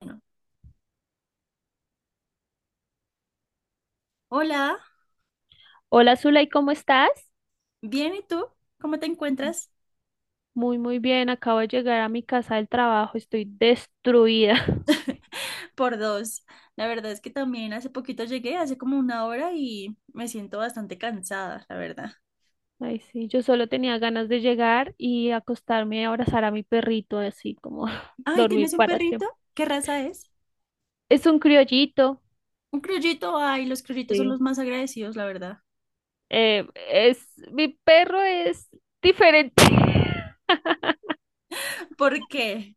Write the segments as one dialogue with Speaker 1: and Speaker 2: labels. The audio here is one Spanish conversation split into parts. Speaker 1: Bueno, Hola,
Speaker 2: Hola Zulay, ¿cómo estás?
Speaker 1: bien, ¿y tú? ¿Cómo te encuentras?
Speaker 2: Muy, muy bien. Acabo de llegar a mi casa del trabajo. Estoy destruida.
Speaker 1: Por dos. La verdad es que también hace poquito llegué, hace como una hora y me siento bastante cansada, la verdad.
Speaker 2: Ay, sí, yo solo tenía ganas de llegar y acostarme y abrazar a mi perrito, así como
Speaker 1: Ay,
Speaker 2: dormir
Speaker 1: ¿tienes un
Speaker 2: para
Speaker 1: perrito?
Speaker 2: siempre.
Speaker 1: ¿Qué raza es?
Speaker 2: Es un criollito.
Speaker 1: Un criollito. Ay, los criollitos son
Speaker 2: Sí.
Speaker 1: los más agradecidos, la verdad.
Speaker 2: Mi perro es diferente.
Speaker 1: ¿Por qué?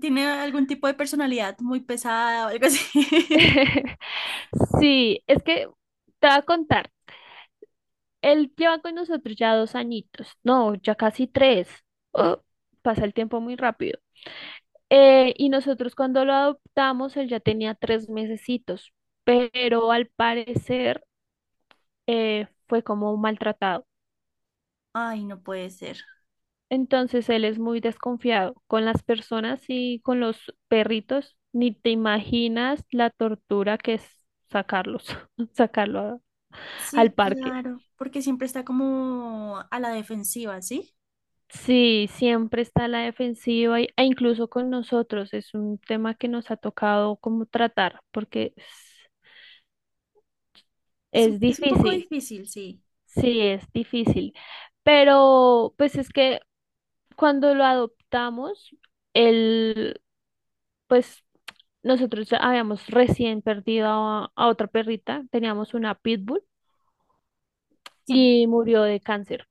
Speaker 1: ¿Tiene algún tipo de personalidad muy pesada o algo así?
Speaker 2: Sí, es que te voy a contar. Él lleva con nosotros ya 2 añitos. No, ya casi tres. Oh, pasa el tiempo muy rápido. Y nosotros cuando lo adoptamos, él ya tenía 3 mesecitos, pero al parecer fue como maltratado.
Speaker 1: Ay, no puede ser.
Speaker 2: Entonces él es muy desconfiado con las personas y con los perritos. Ni te imaginas la tortura que es sacarlos, sacarlo a- al
Speaker 1: Sí,
Speaker 2: parque.
Speaker 1: claro, porque siempre está como a la defensiva, ¿sí?
Speaker 2: Sí, siempre está a la defensiva e incluso con nosotros es un tema que nos ha tocado como tratar porque es
Speaker 1: Es,
Speaker 2: es
Speaker 1: es un poco
Speaker 2: difícil.
Speaker 1: difícil, sí,
Speaker 2: Sí, es difícil, pero pues es que cuando lo adoptamos, él, pues nosotros habíamos recién perdido a otra perrita, teníamos una pitbull
Speaker 1: sí.
Speaker 2: y murió de cáncer.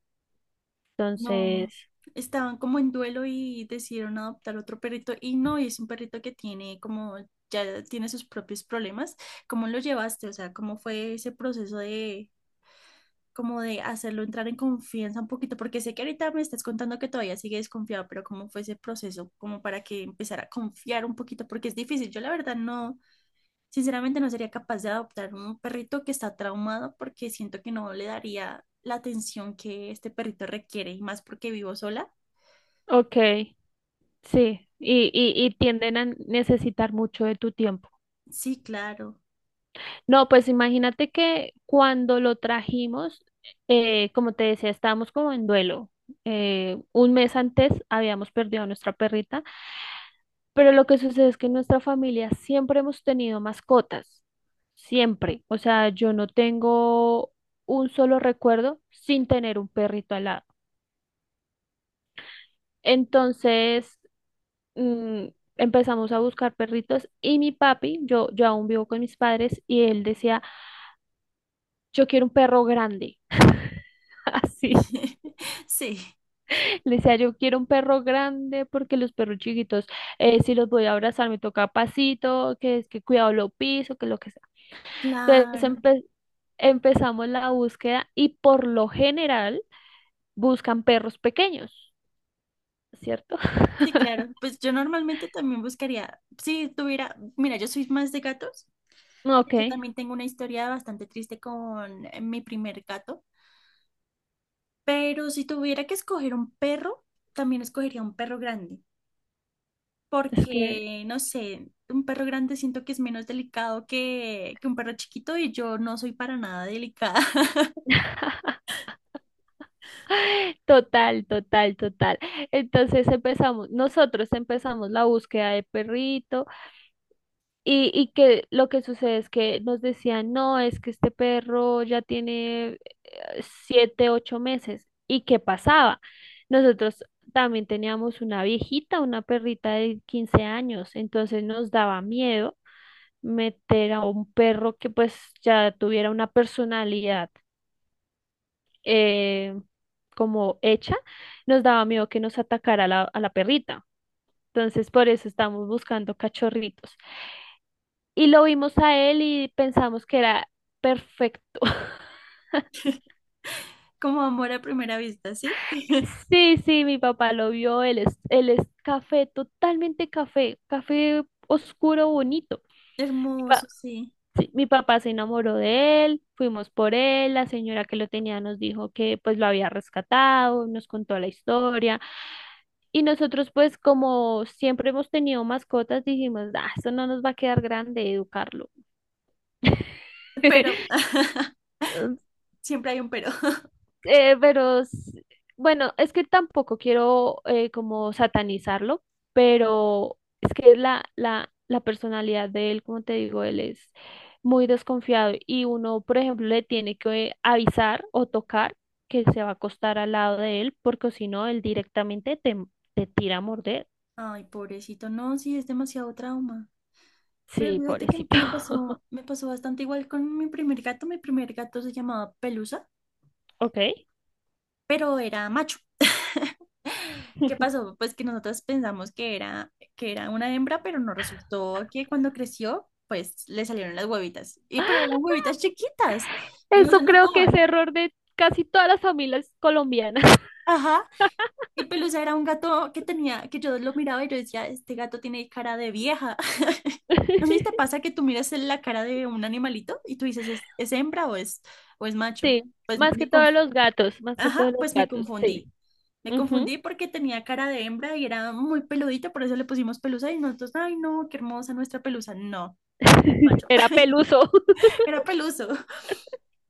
Speaker 1: No,
Speaker 2: Entonces,
Speaker 1: estaban como en duelo y decidieron adoptar otro perrito y no, y es un perrito que tiene como, ya tiene sus propios problemas. ¿Cómo lo llevaste? O sea, ¿cómo fue ese proceso de, como de hacerlo entrar en confianza un poquito? Porque sé que ahorita me estás contando que todavía sigue desconfiado, pero ¿cómo fue ese proceso? Como para que empezara a confiar un poquito, porque es difícil. Yo la verdad no, sinceramente no sería capaz de adoptar un perrito que está traumado porque siento que no le daría la atención que este perrito requiere y más porque vivo sola.
Speaker 2: ok, sí, y tienden a necesitar mucho de tu tiempo.
Speaker 1: Sí, claro.
Speaker 2: No, pues imagínate que cuando lo trajimos, como te decía, estábamos como en duelo. Un mes antes habíamos perdido a nuestra perrita. Pero lo que sucede es que en nuestra familia siempre hemos tenido mascotas, siempre. O sea, yo no tengo un solo recuerdo sin tener un perrito al lado. Entonces, mm, empezamos a buscar perritos y mi papi, yo aún vivo con mis padres y él decía, yo quiero un perro grande. Así,
Speaker 1: Sí,
Speaker 2: le decía, yo quiero un perro grande porque los perros chiquitos, si los voy a abrazar, me toca pasito, que es que cuidado lo piso, que lo que sea. Entonces
Speaker 1: claro,
Speaker 2: empecé. Empezamos la búsqueda y por lo general buscan perros pequeños, ¿cierto?
Speaker 1: sí, claro. Pues yo normalmente también buscaría, si tuviera, mira, yo soy más de gatos.
Speaker 2: Ok,
Speaker 1: Yo también tengo una historia bastante triste con mi primer gato, pero si tuviera que escoger un perro, también escogería un perro grande,
Speaker 2: es que
Speaker 1: porque, no sé, un perro grande siento que es menos delicado que un perro chiquito y yo no soy para nada delicada.
Speaker 2: total, total, total. Nosotros empezamos la búsqueda de perrito y que lo que sucede es que nos decían, no, es que este perro ya tiene 7, 8 meses. ¿Y qué pasaba? Nosotros también teníamos una viejita, una perrita de 15 años, entonces nos daba miedo meter a un perro que pues ya tuviera una personalidad eh, como hecha, nos daba miedo que nos atacara a la perrita. Entonces, por eso estamos buscando cachorritos. Y lo vimos a él y pensamos que era perfecto.
Speaker 1: Como amor a primera vista, ¿sí?
Speaker 2: Sí, sí, mi papá lo vio, él es café, totalmente café, café oscuro, bonito.
Speaker 1: Hermoso, sí.
Speaker 2: Sí, mi papá se enamoró de él, fuimos por él, la señora que lo tenía nos dijo que pues lo había rescatado, nos contó la historia y nosotros pues como siempre hemos tenido mascotas dijimos, ah, eso no nos va a quedar grande educarlo.
Speaker 1: Pero, siempre hay un pero.
Speaker 2: Eh, pero s- bueno, es que tampoco quiero como satanizarlo, pero es que la personalidad de él, como te digo, él es muy desconfiado y uno, por ejemplo, le tiene que avisar o tocar que se va a acostar al lado de él, porque si no, él directamente te tira a morder.
Speaker 1: Ay, pobrecito, no, sí, es demasiado trauma. Pero
Speaker 2: Sí,
Speaker 1: fíjate que
Speaker 2: pobrecito.
Speaker 1: me pasó, me pasó bastante igual con mi primer gato. Mi primer gato se llamaba Pelusa,
Speaker 2: Ok.
Speaker 1: pero era macho. ¿Qué pasó? Pues que nosotros pensamos que era una hembra, pero no resultó que cuando creció, pues le salieron las huevitas. Y pero eran huevitas chiquitas y no
Speaker 2: Eso
Speaker 1: se
Speaker 2: creo que es
Speaker 1: notaban.
Speaker 2: error de casi todas las familias colombianas.
Speaker 1: Ajá. Y Pelusa era un gato que tenía, que yo lo miraba y yo decía, este gato tiene cara de vieja. No sé si te pasa que tú miras en la cara de un animalito y tú dices, es hembra o es macho?
Speaker 2: Sí,
Speaker 1: Pues
Speaker 2: más que
Speaker 1: me,
Speaker 2: todos
Speaker 1: conf-
Speaker 2: los gatos, más que
Speaker 1: Ajá,
Speaker 2: todos los
Speaker 1: pues me
Speaker 2: gatos, sí.
Speaker 1: confundí. Me
Speaker 2: Ujú.
Speaker 1: confundí porque tenía cara de hembra y era muy peludita, por eso le pusimos pelusa y nosotros, ay no, qué hermosa nuestra pelusa. No, era macho.
Speaker 2: Era peluso.
Speaker 1: Era peluso.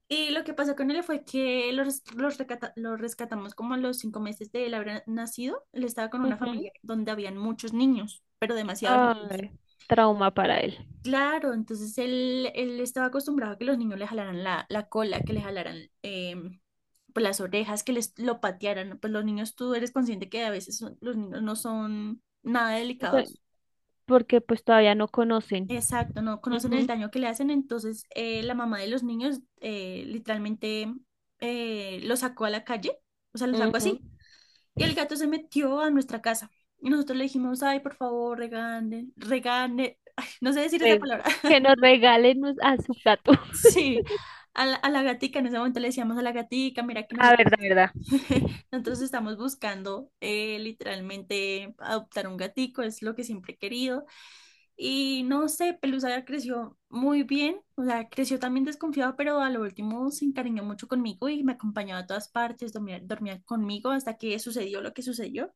Speaker 1: Y lo que pasó con él fue que lo, lo rescatamos como a los 5 meses de él haber nacido. Él estaba con una
Speaker 2: Ujú.
Speaker 1: familia donde habían muchos niños, pero demasiados niños.
Speaker 2: Ay, trauma para él.
Speaker 1: Claro, entonces él estaba acostumbrado a que los niños le jalaran la cola, que le jalaran pues las orejas, que les lo patearan. Pues los niños, tú eres consciente que a veces los niños no son nada
Speaker 2: O sea,
Speaker 1: delicados.
Speaker 2: porque pues todavía no conocen.
Speaker 1: Exacto, no conocen el
Speaker 2: Ujú,
Speaker 1: daño que le hacen. Entonces la mamá de los niños literalmente lo sacó a la calle, o sea, lo sacó
Speaker 2: ujú.
Speaker 1: así. Y el gato se metió a nuestra casa. Y nosotros le dijimos, ay, por favor, regane, regane, ay, no sé decir esa
Speaker 2: Re-
Speaker 1: palabra.
Speaker 2: que nos regalen a su gato.
Speaker 1: Sí, a la gatica, en ese momento le decíamos a la gatica, mira que
Speaker 2: Ah,
Speaker 1: nosotros,
Speaker 2: verdad, verdad.
Speaker 1: nosotros estamos buscando literalmente adoptar un gatico, es lo que siempre he querido. Y no sé, Pelusa ya creció muy bien, o sea, creció también desconfiado, pero a lo último se encariñó mucho conmigo y me acompañaba a todas partes, dormía, dormía conmigo hasta que sucedió lo que sucedió,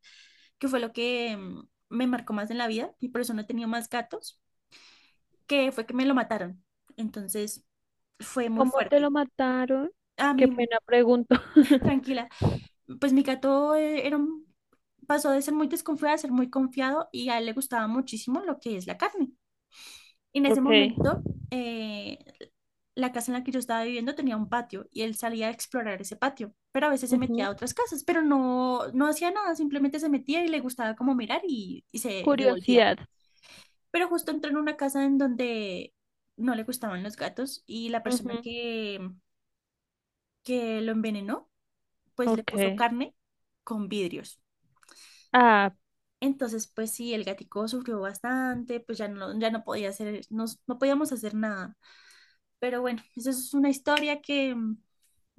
Speaker 1: que fue lo que me marcó más en la vida y por eso no he tenido más gatos, que fue que me lo mataron. Entonces fue muy
Speaker 2: ¿Cómo te
Speaker 1: fuerte.
Speaker 2: lo mataron?
Speaker 1: A
Speaker 2: Qué
Speaker 1: mí.
Speaker 2: pena pregunto.
Speaker 1: Tranquila, pues mi gato era pasó de ser muy desconfiado a ser muy confiado y a él le gustaba muchísimo lo que es la carne. Y en ese
Speaker 2: Okay.
Speaker 1: momento, eh, la casa en la que yo estaba viviendo tenía un patio y él salía a explorar ese patio, pero a veces se metía
Speaker 2: Ujú.
Speaker 1: a otras casas, pero no, no hacía nada, simplemente se metía y le gustaba como mirar y se devolvía.
Speaker 2: Curiosidad.
Speaker 1: Pero justo entró en una casa en donde no le gustaban los gatos y la persona
Speaker 2: Ujú.
Speaker 1: que lo envenenó pues le puso
Speaker 2: Okay.
Speaker 1: carne con vidrios.
Speaker 2: Ah,
Speaker 1: Entonces, pues sí, el gatico sufrió bastante, pues ya no podía hacer, no, no podíamos hacer nada. Pero bueno, eso es una historia que,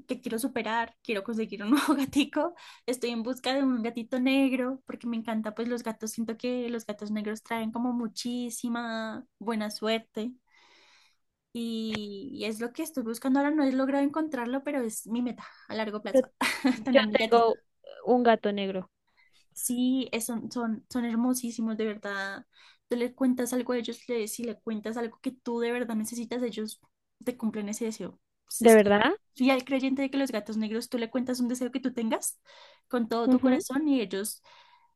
Speaker 1: que quiero superar, quiero conseguir un nuevo gatico. Estoy en busca de un gatito negro, porque me encanta, pues los gatos, siento que los gatos negros traen como muchísima buena suerte. Y es lo que estoy buscando ahora, no he logrado encontrarlo, pero es mi meta a largo
Speaker 2: yo,
Speaker 1: plazo.
Speaker 2: yo
Speaker 1: Tener mi gatito.
Speaker 2: tengo un gato negro.
Speaker 1: Sí, son hermosísimos, de verdad. Tú le cuentas algo a ellos, le, si le cuentas algo que tú de verdad necesitas, ellos te cumplen ese deseo. Es-
Speaker 2: ¿De
Speaker 1: es-
Speaker 2: verdad?
Speaker 1: Soy creyente de que los gatos negros, tú le cuentas un deseo que tú tengas con todo tu
Speaker 2: Ujú.
Speaker 1: corazón y ellos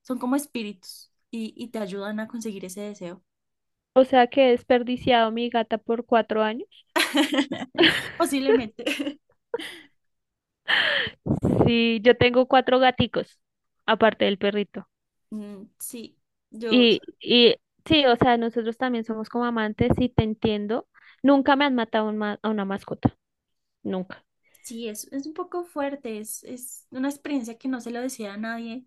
Speaker 1: son como espíritus y te ayudan a conseguir ese deseo.
Speaker 2: O sea que he desperdiciado mi gata por 4 años.
Speaker 1: Posiblemente.
Speaker 2: Sí, yo tengo cuatro gaticos, aparte del perrito.
Speaker 1: Sí, yo,
Speaker 2: Y sí, o sea, nosotros también somos como amantes y te entiendo. Nunca me han matado a una mascota, nunca.
Speaker 1: sí, es un poco fuerte, es una experiencia que no se lo desea a nadie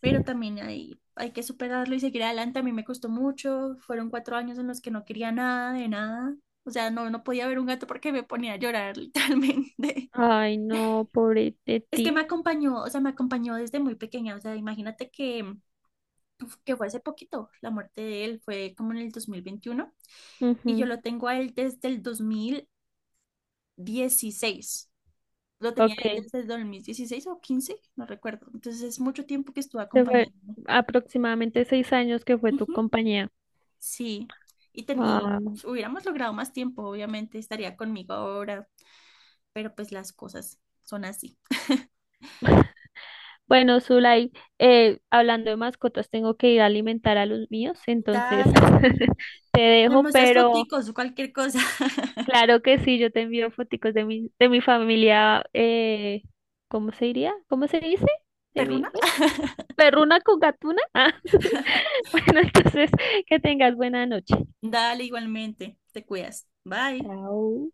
Speaker 1: pero también hay que superarlo y seguir adelante. A mí me costó mucho, fueron 4 años en los que no quería nada de nada, o sea, no, no podía ver un gato porque me ponía a llorar literalmente.
Speaker 2: Ay, no, pobre de
Speaker 1: Es que me
Speaker 2: ti.
Speaker 1: acompañó, o sea, me acompañó desde muy pequeña, o sea, imagínate que fue hace poquito, la muerte de él fue como en el 2021 y yo
Speaker 2: Ujú.
Speaker 1: lo tengo a él desde el 2016. Lo tenía
Speaker 2: Ok,
Speaker 1: él desde el 2016 o 15 no recuerdo. Entonces es mucho tiempo que estuvo
Speaker 2: se fue
Speaker 1: acompañándome.
Speaker 2: aproximadamente 6 años que fue tu
Speaker 1: Ujú.
Speaker 2: compañía.
Speaker 1: Sí, y
Speaker 2: Ah.
Speaker 1: hubiéramos logrado más tiempo, obviamente estaría conmigo ahora, pero pues las cosas son así.
Speaker 2: Bueno, Zulay, hablando de mascotas, tengo que ir a alimentar a los míos, entonces
Speaker 1: Dale, sí.
Speaker 2: te
Speaker 1: Me
Speaker 2: dejo,
Speaker 1: muestras
Speaker 2: pero
Speaker 1: foticos o cualquier cosa.
Speaker 2: claro que sí, yo te envío foticos de mi familia, ¿cómo se diría? ¿Cómo se dice? De mi
Speaker 1: ¿Perruna?
Speaker 2: bueno, perruna con gatuna. Ah, bueno, entonces que tengas buena noche.
Speaker 1: Dale, igualmente. Te cuidas. Bye.
Speaker 2: Chao.